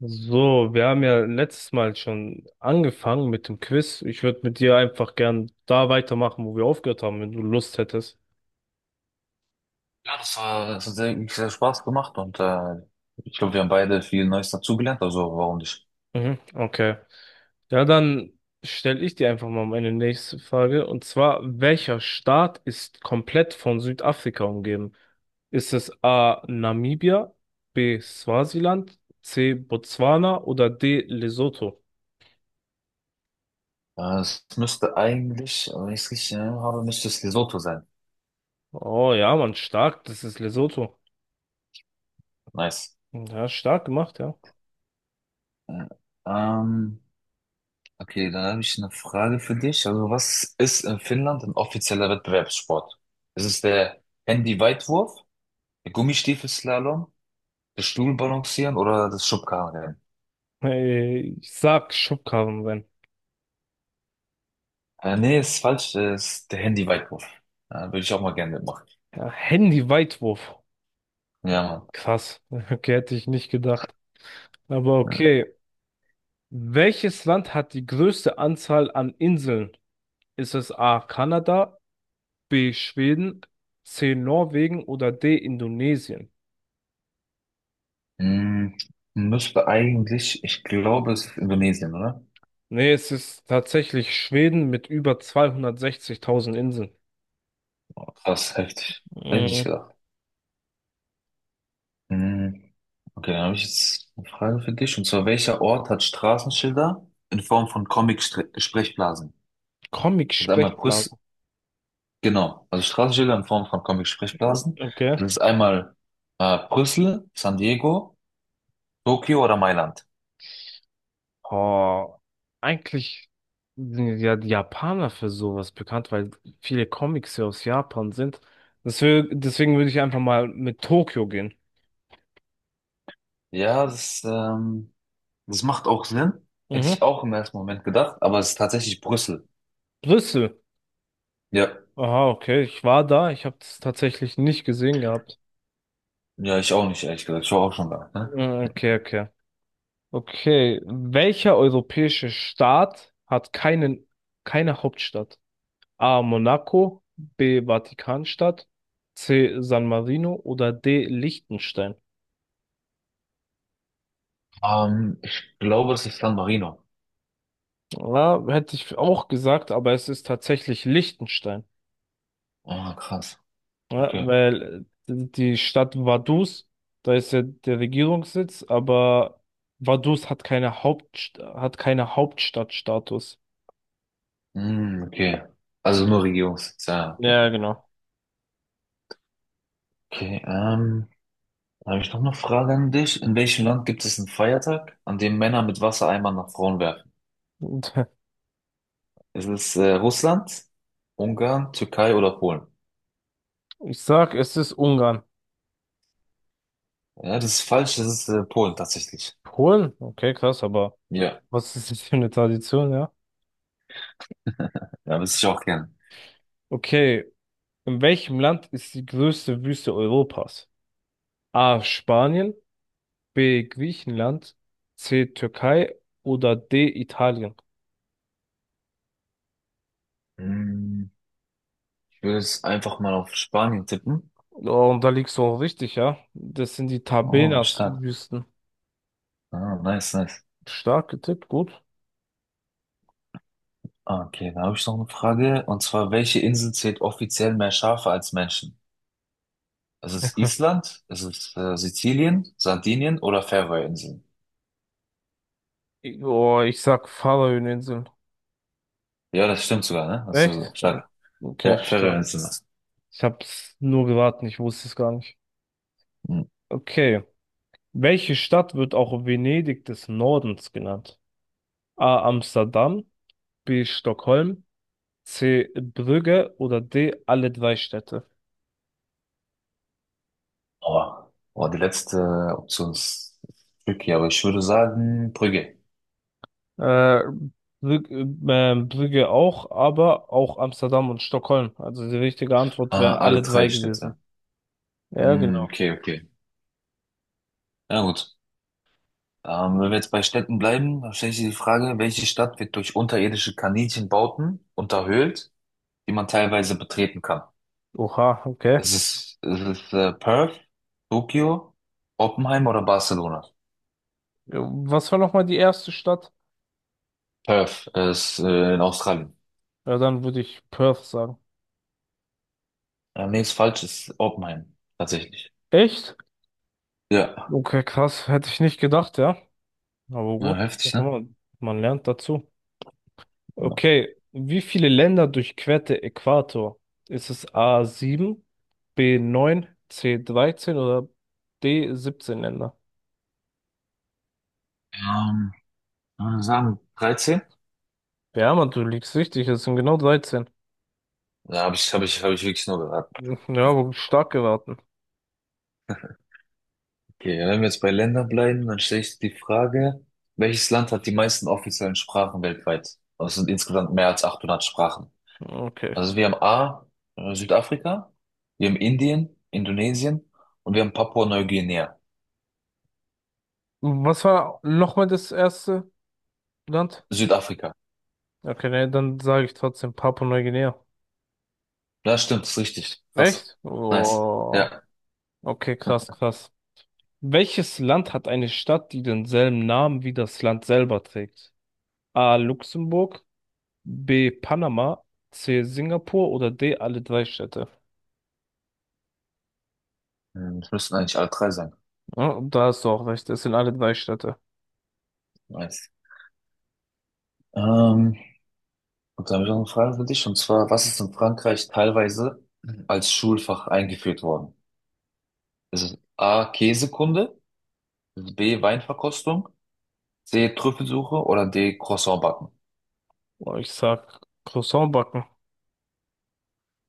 So, wir haben ja letztes Mal schon angefangen mit dem Quiz. Ich würde mit dir einfach gern da weitermachen, wo wir aufgehört haben, wenn du Lust hättest. Ja, das war, das hat sehr Spaß gemacht und ich glaube, wir haben beide viel Neues dazugelernt, also warum nicht? Mhm, okay. Ja, dann stelle ich dir einfach mal meine nächste Frage. Und zwar, welcher Staat ist komplett von Südafrika umgeben? Ist es A. Namibia, B. Swasiland, C. Botswana oder D. Lesotho? Es müsste eigentlich, wenn ich es richtig erinnert habe, müsste es Lesotho sein. Oh ja, Mann, stark, das ist Lesotho. Nice. Ja, stark gemacht, ja. Äh, ähm, okay, dann habe ich eine Frage für dich. Also was ist in Finnland ein offizieller Wettbewerbssport? Ist es der Handy-Weitwurf, der Gummistiefelslalom, das Stuhlbalancieren oder das Schubkarrenrennen? Ich sag Schubkarrenrennen. Nee, ist falsch, es ist der Handy-Weitwurf. Würde ich auch mal gerne mitmachen. Ja, Handy-Weitwurf. Ja, Mann. Krass. Okay, hätte ich nicht gedacht. Aber okay. Welches Land hat die größte Anzahl an Inseln? Ist es A. Kanada, B. Schweden, C. Norwegen oder D. Indonesien? Hm, müsste eigentlich, ich glaube, es ist Indonesien, oder? Nee, es ist tatsächlich Schweden mit über 260.000 Inseln. Krass, heftig. Hätte ich nicht Mhm. gedacht. Hm, okay, dann habe ich jetzt eine Frage für dich. Und zwar, welcher Ort hat Straßenschilder in Form von Comic-Sprechblasen? Das ist einmal Brüssel, Comic-Sprechblasen. genau, also Straßenschilder in Form von Comic-Sprechblasen. Okay. Das ist einmal Brüssel, San Diego, Tokio oder Mailand. Oh, eigentlich sind ja die Japaner für sowas bekannt, weil viele Comics ja aus Japan sind. Deswegen würde ich einfach mal mit Tokio gehen. Ja, das macht auch Sinn. Hätte ich Mhm. auch im ersten Moment gedacht, aber es ist tatsächlich Brüssel. Brüssel. Ja. Aha, okay. Ich war da. Ich habe das tatsächlich nicht gesehen gehabt. Ja, ich auch nicht, ehrlich gesagt. Ich war auch schon da. Ne? Mm, okay, okay. Okay. Welcher europäische Staat hat keine Hauptstadt? A. Monaco, B. Vatikanstadt, C. San Marino oder D. Liechtenstein? Ich glaube, das ist San Marino. Ja, hätte ich auch gesagt, aber es ist tatsächlich Liechtenstein, Ah, krass. ja, Okay. weil die Stadt Vaduz, da ist ja der Regierungssitz, aber Vaduz hat keine Haupt, hat keine Hauptstadtstatus. Hm, okay. Also nur Regierungssitz. Ja, okay. Ja, genau. Okay, dann habe ich noch eine Frage an dich. In welchem Land gibt es einen Feiertag, an dem Männer mit Wassereimern nach Frauen werfen? Und Ist es Russland, Ungarn, Türkei oder Polen? Ich sag, es ist Ungarn. Ja, das ist falsch. Das ist Polen tatsächlich. Polen? Okay, krass, aber Ja, was ist das für eine Tradition, ja? ja, wüsste ich auch gern. Okay, in welchem Land ist die größte Wüste Europas? A. Spanien, B. Griechenland, C. Türkei oder D. Italien. Hm, ich würde es einfach mal auf Spanien tippen. Oh, und da liegst du auch richtig, ja. Das sind die Oh, stark. Tabenas-Wüsten. Ah, nice, nice. Stark getippt, gut. Okay, dann habe ich noch eine Frage. Und zwar, welche Insel zählt offiziell mehr Schafe als Menschen? Ist es Island? Ist es Sizilien, Sardinien oder Färöerinseln? Oh, ich sag Färöerinseln. Ja, das stimmt sogar, ne? Das ist so Echt? Ja, stark. okay, Ja, stark. Färöerinseln. Ich hab's nur geraten, ich wusste es gar nicht. Mhm. Okay. Welche Stadt wird auch Venedig des Nordens genannt? A. Amsterdam, B. Stockholm, C. Brügge oder D. Alle drei Städte. Aber boah, die letzte Option ist tricky, aber ich würde sagen Brügge. Äh, Brügge, Brügge auch, aber auch Amsterdam und Stockholm. Also die richtige Antwort Ah, wäre alle alle drei drei Städte. gewesen. Ja, Hm, genau. okay, okay. Na gut. Wenn wir jetzt bei Städten bleiben, dann stelle ich dir die Frage, welche Stadt wird durch unterirdische Kaninchenbauten unterhöhlt, die man teilweise betreten kann? Oha, okay. Es, ist Perth, Tokio, Oppenheim oder Barcelona? Ja, was war nochmal die erste Stadt? Perth ist in Australien. Ja, dann würde ich Perth sagen. Nee, ist falsch, ist Oppenheim, tatsächlich. Echt? Ja, Okay, krass. Hätte ich nicht gedacht, ja. Aber ja, gut, heftig, guck ne? mal, man lernt dazu. Ja. Okay, wie viele Länder durchquert der Äquator? Ist es a sieben, b neun, c dreizehn oder d siebzehn Länder? Ähm, Würde sagen, 13? Ja, Mann, du liegst richtig, es sind genau 13. Da habe ich wirklich nur geraten. Ja, aber stark geraten. Okay, wenn wir jetzt bei Ländern bleiben, dann stelle ich die Frage, welches Land hat die meisten offiziellen Sprachen weltweit? Das sind insgesamt mehr als 800 Sprachen. Okay. Also wir haben A, Südafrika, wir haben Indien, Indonesien und wir haben Papua-Neuguinea, Was war nochmal das erste Land? Südafrika. Okay, ne, dann sage ich trotzdem Papua-Neuguinea. Ja, stimmt, ist richtig. Krass. Echt? Nice. Oh. Ja. Okay, krass, krass. Welches Land hat eine Stadt, die denselben Namen wie das Land selber trägt? A. Luxemburg, B. Panama, C. Singapur oder D. Alle drei Städte? Hm, das müssten eigentlich alle drei sein. Ja, da hast du auch recht, es sind alle drei Städte. Nice. Ähm, und dann habe ich noch eine Frage für dich, und zwar, was ist in Frankreich teilweise als Schulfach eingeführt worden? Ist es A, Käsekunde, B, Weinverkostung, C, Trüffelsuche oder D, Croissant backen? Oh, ich sag Croissant backen.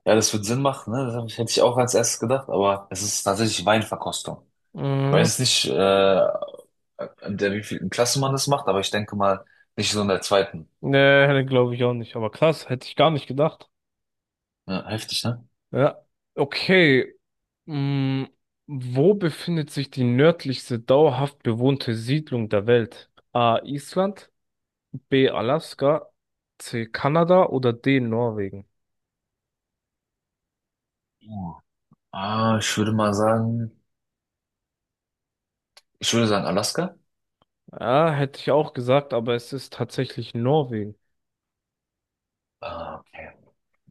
Ja, das wird Sinn machen, ne? Hätte ich auch als erstes gedacht, aber es ist tatsächlich Weinverkostung. Mhm. Weiß nicht, an der wievielten Klasse man das macht, aber ich denke mal nicht so in der zweiten. Nee, glaube ich auch nicht. Aber krass, hätte ich gar nicht gedacht. Ja, heftig, ne? Ja. Okay. Mm, wo befindet sich die nördlichste dauerhaft bewohnte Siedlung der Welt? A. Island, B. Alaska, C. Kanada oder D. Norwegen? Ja. Ich würde mal sagen, ich würde sagen Alaska. Ja, hätte ich auch gesagt, aber es ist tatsächlich Norwegen. Ah, okay.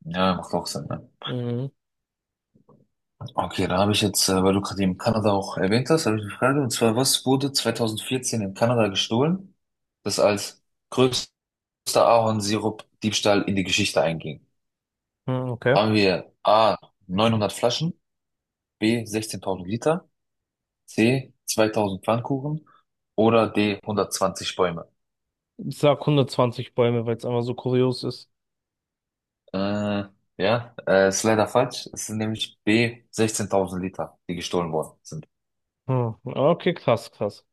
Ja, macht auch Sinn, ne? Mhm. Okay, da habe ich jetzt, weil du gerade eben Kanada auch erwähnt hast, habe ich eine Frage. Und zwar, was wurde 2014 in Kanada gestohlen, das als größter Ahornsirup-Diebstahl in die Geschichte einging? Hm, okay. Haben wir A, 900 Flaschen, B, 16.000 Liter, C, 2000 Pfannkuchen oder D, 120 Bäume? Ich sag 120 Bäume, weil es einfach so kurios ist. Äh, ja, ist leider falsch. Es sind nämlich B, 16.000 Liter, die gestohlen worden sind. Hm. Okay, krass, krass.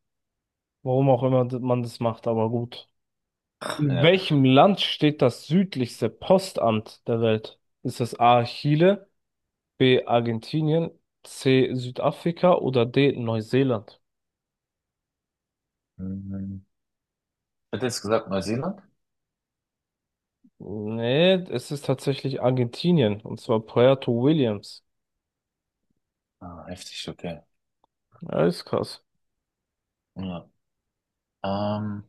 Warum auch immer man das macht, aber gut. In Ja. welchem Land steht das südlichste Postamt der Welt? Ist es A. Chile, B. Argentinien, C. Südafrika oder D. Neuseeland? Mhm. Hätte jetzt gesagt Neuseeland? Nee, es ist tatsächlich Argentinien, und zwar Puerto Williams. Ah, heftig, okay. Ja, ist krass. Ja. Ähm,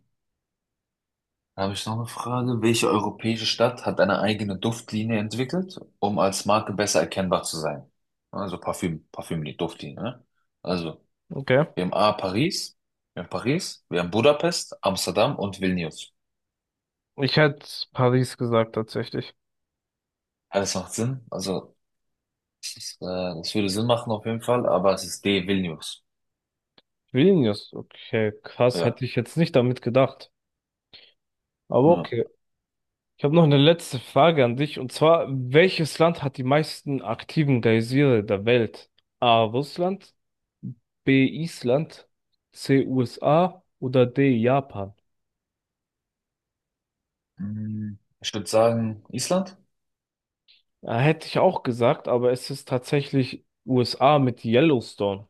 Da habe ich noch eine Frage. Welche europäische Stadt hat eine eigene Duftlinie entwickelt, um als Marke besser erkennbar zu sein? Also Parfüm, Parfümlinie, Duftlinie, ne? Also, Okay. wir haben Paris, wir haben Paris, wir haben Budapest, Amsterdam und Vilnius. Ich hätte Paris gesagt, tatsächlich. Ja, das macht Sinn. Also, das würde Sinn machen auf jeden Fall, aber es ist D, Vilnius. Vilnius, okay, krass, Ja. hätte ich jetzt nicht damit gedacht. Aber Ja. okay. Ich habe noch eine letzte Frage an dich und zwar, welches Land hat die meisten aktiven Geysire der Welt? A. Russland, B. Island, C. USA oder D. Japan? Hm, ich würde sagen, Island? Ja, hätte ich auch gesagt, aber es ist tatsächlich USA mit Yellowstone.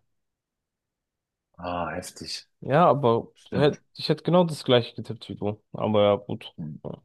Ah, heftig. Ja, aber Stimmt. ich hätte genau das gleiche getippt wie du. Aber ja, gut. Mhm. Ja.